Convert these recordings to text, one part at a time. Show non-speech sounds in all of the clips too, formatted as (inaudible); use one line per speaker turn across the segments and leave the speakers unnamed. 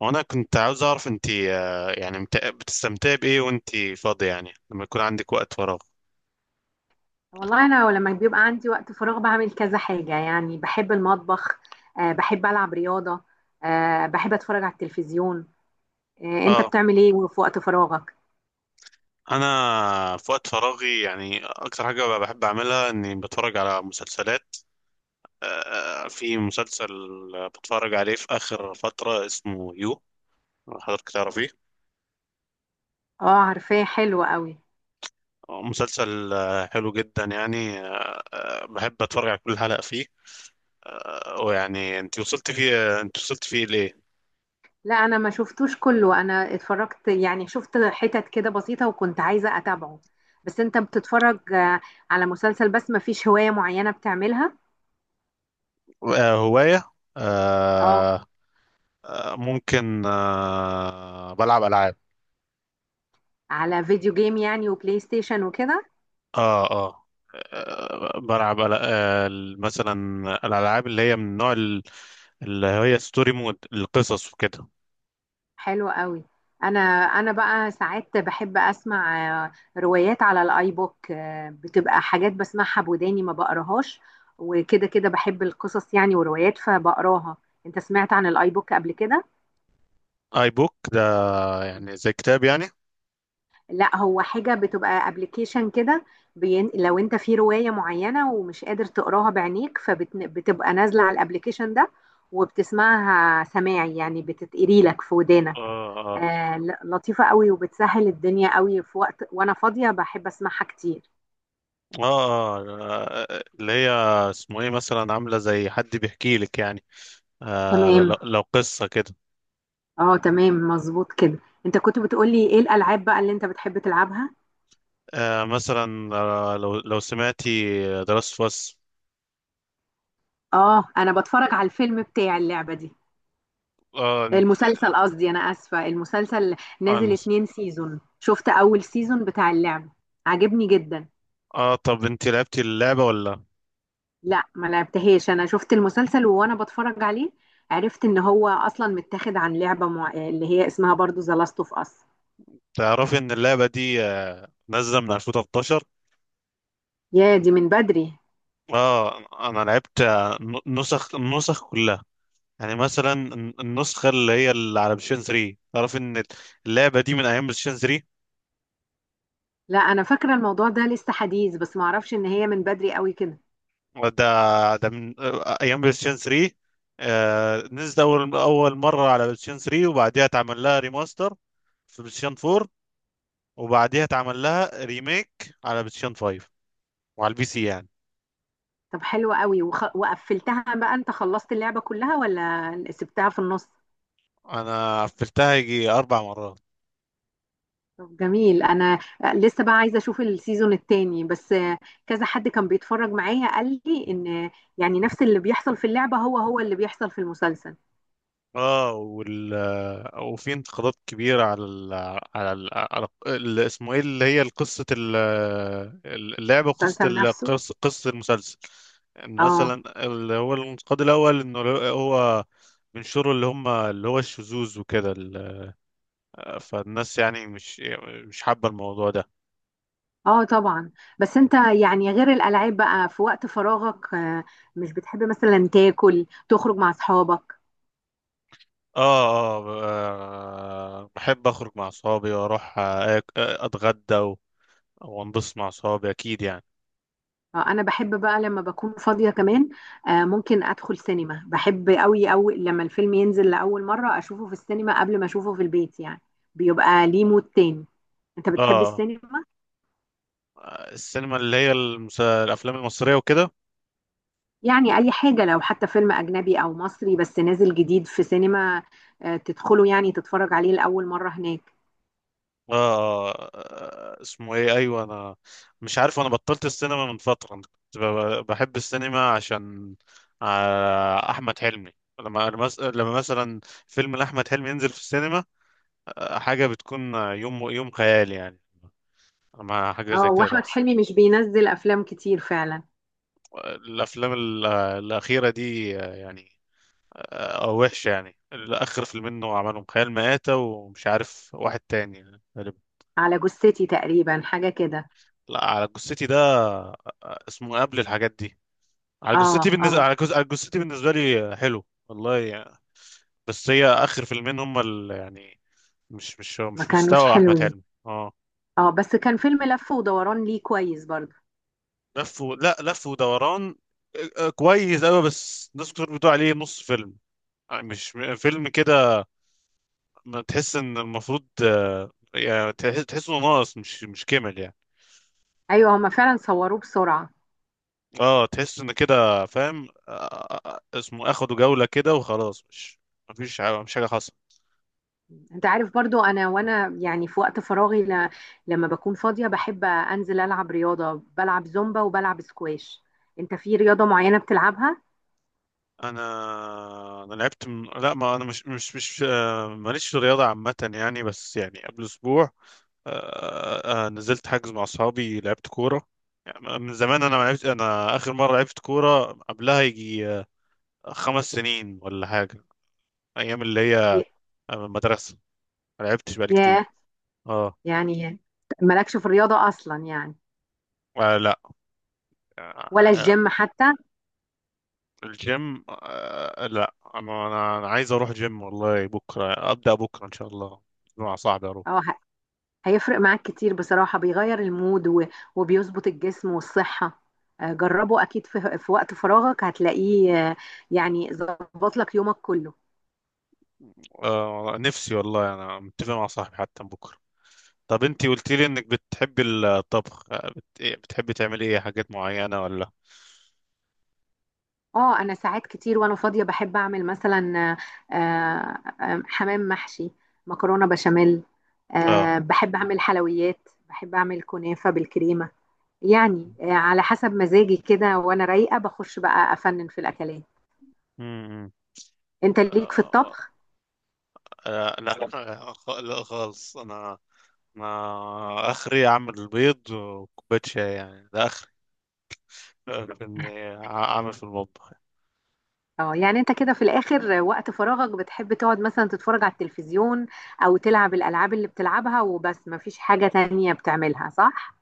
وانا كنت عاوز اعرف انت يعني بتستمتعي بايه وانت فاضية، يعني لما يكون عندك وقت فراغ.
والله انا لما بيبقى عندي وقت فراغ بعمل كذا حاجه يعني بحب المطبخ. بحب العب رياضه. بحب اتفرج على التلفزيون. انت
اه
بتعمل ايه في وقت فراغك؟
انا في وقت فراغي يعني اكتر حاجة بحب اعملها اني بتفرج على مسلسلات. في مسلسل بتفرج عليه في اخر فترة اسمه يو، حضرتك تعرفيه؟
اه، عارفاه حلو قوي.
مسلسل حلو جدا يعني، بحب اتفرج على كل حلقة فيه. ويعني انت وصلت فيه ليه؟
لا، انا ما شفتوش كله، انا اتفرجت يعني شفت حتت كده بسيطه وكنت عايزه اتابعه. بس انت بتتفرج على مسلسل بس ما فيش هوايه معينه بتعملها؟
هواية؟
اه.
ممكن، بلعب العاب.
على فيديو جيم يعني وبلاي ستيشن وكده.
اه اه بلعب مثلا الالعاب اللي هي من اللي هي ستوري مود، القصص وكده.
حلو قوي. انا انا بقى ساعات بحب اسمع روايات على الاي بوك. بتبقى حاجات بسمعها بوداني ما بقراهاش. وكده كده بحب القصص يعني وروايات فبقراها. انت سمعت عن الاي بوك قبل كده؟
اي بوك ده يعني زي كتاب يعني؟
لا، هو حاجة بتبقى ابلكيشن كده. لو انت في رواية معينة ومش قادر تقراها بعينيك فبتبقى نازلة على الابلكيشن ده وبتسمعها سماعي يعني بتتقري لك في
اه
ودانك.
اه
آه، لطيفة قوي وبتسهل الدنيا قوي في وقت وانا فاضية بحب اسمعها كتير.
اللي هي اسمه ايه، مثلا عاملة زي حد بيحكي لك يعني، لو
تمام.
لو قصة كده؟
اه، تمام مظبوط كده. انت كنت بتقولي ايه الالعاب بقى اللي انت بتحب تلعبها؟
مثلا لو سمعتي دراسة فاس.
اه، انا بتفرج على الفيلم بتاع اللعبة دي.
اه عن-
المسلسل قصدي، انا اسفه، المسلسل نازل
عن-
اتنين سيزون. شفت اول سيزون بتاع اللعب، عجبني جدا.
اه، طب انت لعبتي اللعبة ولا؟
لا، ما لعبتهاش، انا شفت المسلسل وانا بتفرج عليه عرفت ان هو اصلا متاخد عن لعبه اللي هي اسمها برضو ذا لاست اوف اس.
تعرفي ان اللعبه دي نازله من 2013؟
يا دي من بدري.
اه، انا لعبت، آه، نسخ النسخ كلها، يعني مثلا النسخه اللي هي اللي على بلايستيشن 3. تعرف ان اللعبه دي من ايام بلايستيشن 3؟
لا، انا فاكره الموضوع ده لسه حديث بس ما اعرفش ان هي من بدري قوي كده.
ده من ايام بلايستيشن 3. نزلت اول مره على بلايستيشن 3، وبعديها اتعمل لها ريماستر في بلايستيشن 4، وبعديها اتعمل لها ريميك على بلايستيشن 5، وعلى البي سي يعني.
طب حلوه قوي، وقفلتها بقى؟ انت خلصت اللعبه كلها ولا سبتها في النص؟
انا قفلتها يجي 4 مرات.
طب جميل، انا لسه بقى عايزه اشوف السيزون التاني بس. كذا حد كان بيتفرج معايا قال لي ان يعني نفس اللي بيحصل في اللعبه هو اللي بيحصل في المسلسل،
اه وال وفي انتقادات كبيرة على اسمه ايه، اللي هي قصة اللعبة وقصة
المسلسل نفسه.
قصة المسلسل. ان
اه
مثلا اللي هو الانتقاد الاول انه هو بينشروا اللي هم اللي هو الشذوذ وكده فالناس يعني مش حابة الموضوع ده.
اه، طبعا. بس انت يعني غير الالعاب بقى في وقت فراغك مش بتحب مثلا تاكل تخرج مع اصحابك؟
بحب اخرج مع اصحابي واروح اتغدى وانبسط مع اصحابي اكيد يعني.
انا بحب بقى لما بكون فاضيه كمان ممكن ادخل سينما. بحب قوي قوي لما الفيلم ينزل لاول مره اشوفه في السينما قبل ما اشوفه في البيت يعني، بيبقى ليه مود تاني. انت بتحب
اه
السينما؟
السينما اللي هي الافلام المصريه وكده.
يعني اي حاجة لو حتى فيلم اجنبي او مصري بس نازل جديد في سينما تدخله يعني تتفرج عليه لأول مرة هناك.
اسمه ايه، ايوه انا مش عارف، انا بطلت السينما من فتره. أنا كنت بحب السينما عشان احمد حلمي. لما مثلا فيلم لاحمد حلمي ينزل في السينما، حاجه بتكون يوم يوم خيال يعني مع حاجه زي
اه،
كده
واحمد
تحصل.
حلمي مش بينزل افلام كتير فعلا.
الاخيره دي يعني وحشه يعني، اخر فيلمين منه عملهم خيال مآتة ومش عارف واحد تاني يعني.
على جثتي تقريبا، حاجة كده.
لا، على جثتي ده آه، اسمه قبل الحاجات دي. على
اه
جثتي بالنسبه،
اه،
على جثتي بالنسبه لي حلو والله يعني. بس هي اخر فيلمين هم يعني مش مش
ما
مش
كانوش
مستوى احمد
حلوين.
حلمي اه.
اه، بس كان فيلم لف ودوران ليه كويس برضه.
لا لف ودوران كويس قوي، بس ناس كتير بتقول عليه نص فيلم يعني، مش م- فيلم كده ما تحس ان المفروض يعني تحس انه ناقص، مش كامل يعني.
ايوه، هما فعلا صوروه بسرعة.
اه، تحس ان كده فاهم، اسمه اخدوا جولة كده وخلاص، مش مفيش حاجة، مش حاجة حصلت.
انت عارف برضو انا وانا يعني في وقت فراغي لما بكون فاضية بحب انزل العب رياضة، بلعب زومبا وبلعب سكواش. انت في رياضة معينة بتلعبها؟
انا لعبت لا، ما انا مش مش مش آه، ماليش في الرياضه عامه يعني، بس يعني قبل اسبوع نزلت حجز مع اصحابي لعبت كوره. يعني من زمان انا ما لعبت، انا اخر مره لعبت كوره قبلها يجي 5 سنين ولا حاجه، ايام اللي هي
ي-
المدرسه. ما لعبتش بقالي كتير
ياه،
اه.
يعني مالكش في الرياضة اصلا يعني؟
لا.
ولا
آه،
الجيم حتى؟
الجيم لا. انا أنا عايز اروح جيم والله، بكره ابدا بكره ان شاء الله مع صاحبي اروح.
اه، هيفرق معاك كتير بصراحة، بيغير المود وبيظبط الجسم والصحة. جربه اكيد في وقت فراغك هتلاقيه يعني ظبط لك يومك كله.
آه، نفسي والله، انا متفق مع صاحبي حتى بكره. طب انتي قلت لي انك بتحبي الطبخ، آه، بت... إيه، بتحبي تعملي ايه، حاجات معينه ولا؟
اه، انا ساعات كتير وانا فاضيه بحب اعمل مثلا حمام محشي، مكرونه بشاميل.
اه.
بحب اعمل حلويات، بحب اعمل كنافه بالكريمه. يعني على حسب مزاجي كده وانا رايقه بخش بقى افنن في الاكلات.
امم.
انت ليك في
آه
الطبخ؟
لا، لا خالص. انا، اخري اعمل بيض وكوبايه شاي يعني، ده اخري (laughs) في
(laughs)
اني اعمل في المطبخ.
اه، يعني انت كده في الاخر وقت فراغك بتحب تقعد مثلا تتفرج على التلفزيون او تلعب الالعاب اللي بتلعبها وبس، مفيش حاجه تانية بتعملها، صح؟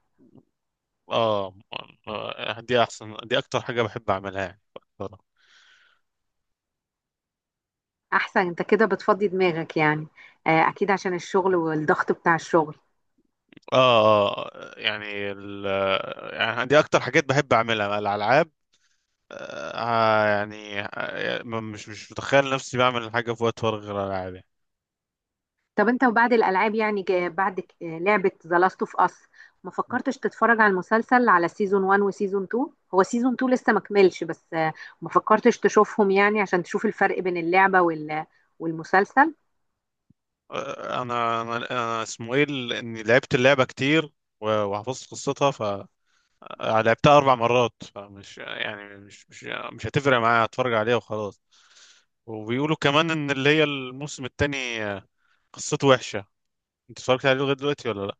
اه، دي احسن، دي اكتر حاجه بحب اعملها يعني.
احسن، انت كده بتفضي دماغك يعني. اكيد عشان الشغل والضغط بتاع الشغل.
اه، يعني ال... يعني دي اكتر حاجات بحب اعملها الالعاب. مش متخيل نفسي بعمل حاجة في وقت فراغ غير ألعاب يعني.
طب انت وبعد الالعاب يعني جا- بعد ك- آه، لعبة ذا لاست اوف اس، ما فكرتش تتفرج على المسلسل، على سيزون 1 وسيزون 2؟ هو سيزون 2 لسه ما كملش بس ما فكرتش تشوفهم يعني عشان تشوف الفرق بين اللعبة والمسلسل؟
آه، أنا أنا أنا اسمه إيه إني لعبت اللعبة كتير وحفظت قصتها، فلعبتها أربع مرات، فمش يعني مش هتفرق معايا هتفرج عليها وخلاص. وبيقولوا كمان إن اللي هي الموسم التاني قصته وحشة. أنت اتفرجت عليه لغاية دلوقتي ولا لأ؟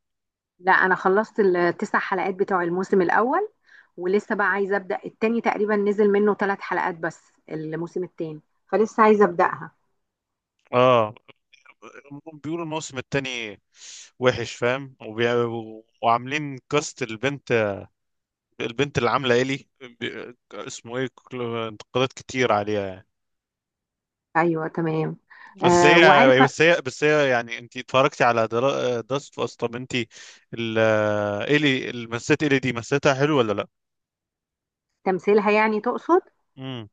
لا، انا خلصت الـ9 حلقات بتوع الموسم الاول ولسه بقى عايزه ابدا التاني. تقريبا نزل منه 3 حلقات بس الموسم التاني، فلسه عايزه ابداها.
آه، بيقولوا الموسم التاني وحش فاهم وعاملين كاست البنت، اللي عامله الي اسمه ايه، انتقادات كتير عليها يعني.
ايوه تمام.
بس
آه،
هي
وعارف؟
بس هي بس هي يعني انت اتفرجتي على داست اوف اس؟ طب انت ال- الي المسات الي دي مسيتها حلو ولا لا؟
تمثيلها يعني تقصد؟
امم.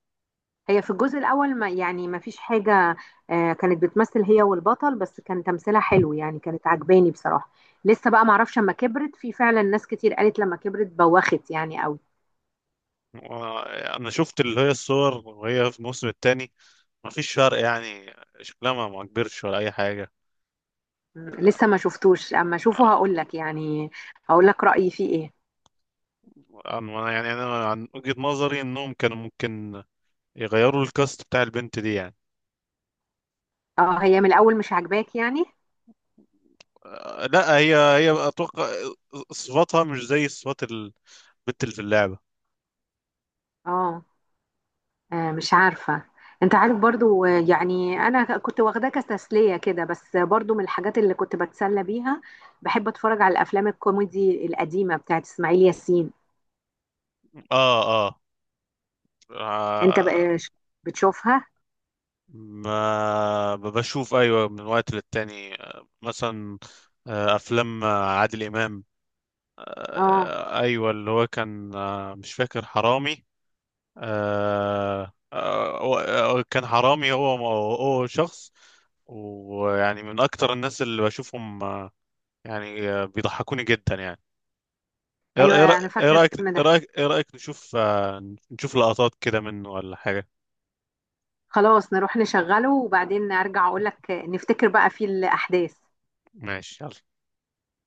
هي في الجزء الأول ما يعني ما فيش حاجة كانت بتمثل هي والبطل بس كان تمثيلها حلو يعني، كانت عجباني بصراحة. لسه بقى معرفش اما كبرت. في فعلا ناس كتير قالت لما كبرت بوخت يعني قوي.
انا شفت اللي هي الصور وهي في الموسم الثاني، ما فيش فرق يعني، شكلها ما كبرش ولا اي حاجه.
لسه ما شفتوش، اما اشوفه
آه،
هقول لك يعني، هقول لك رأيي فيه ايه.
يعني انا عن وجهة نظري انهم كانوا ممكن يغيروا الكاست بتاع البنت دي يعني.
اه، هي من الأول مش عاجباك يعني؟
لا، هي اتوقع صفاتها مش زي صفات البت اللي في اللعبه.
اه، مش عارفة. انت عارف برضو يعني انا كنت واخداه كتسلية كده بس برضو من الحاجات اللي كنت بتسلى بيها بحب اتفرج على الافلام الكوميدي القديمة بتاعت اسماعيل ياسين.
اه اه
انت
آه،
بقى بتشوفها؟
ما ب- بشوف ايوه من وقت للتاني، مثلا افلام عادل امام،
اه،
ايوه اللي هو كان مش فاكر حرامي، كان حرامي، هو شخص ويعني من اكتر الناس اللي بشوفهم يعني بيضحكوني جدا يعني. ايه رأ- إيه
ايوه
رأ-
انا
إيه
فاكرة
رايك،
الفيلم ده.
ايه رايك نشوف نشوف لقطات كده منه ولا حاجه؟
خلاص، نروح نشغله وبعدين ارجع اقولك نفتكر بقى فيه الاحداث.
ماشي يلا.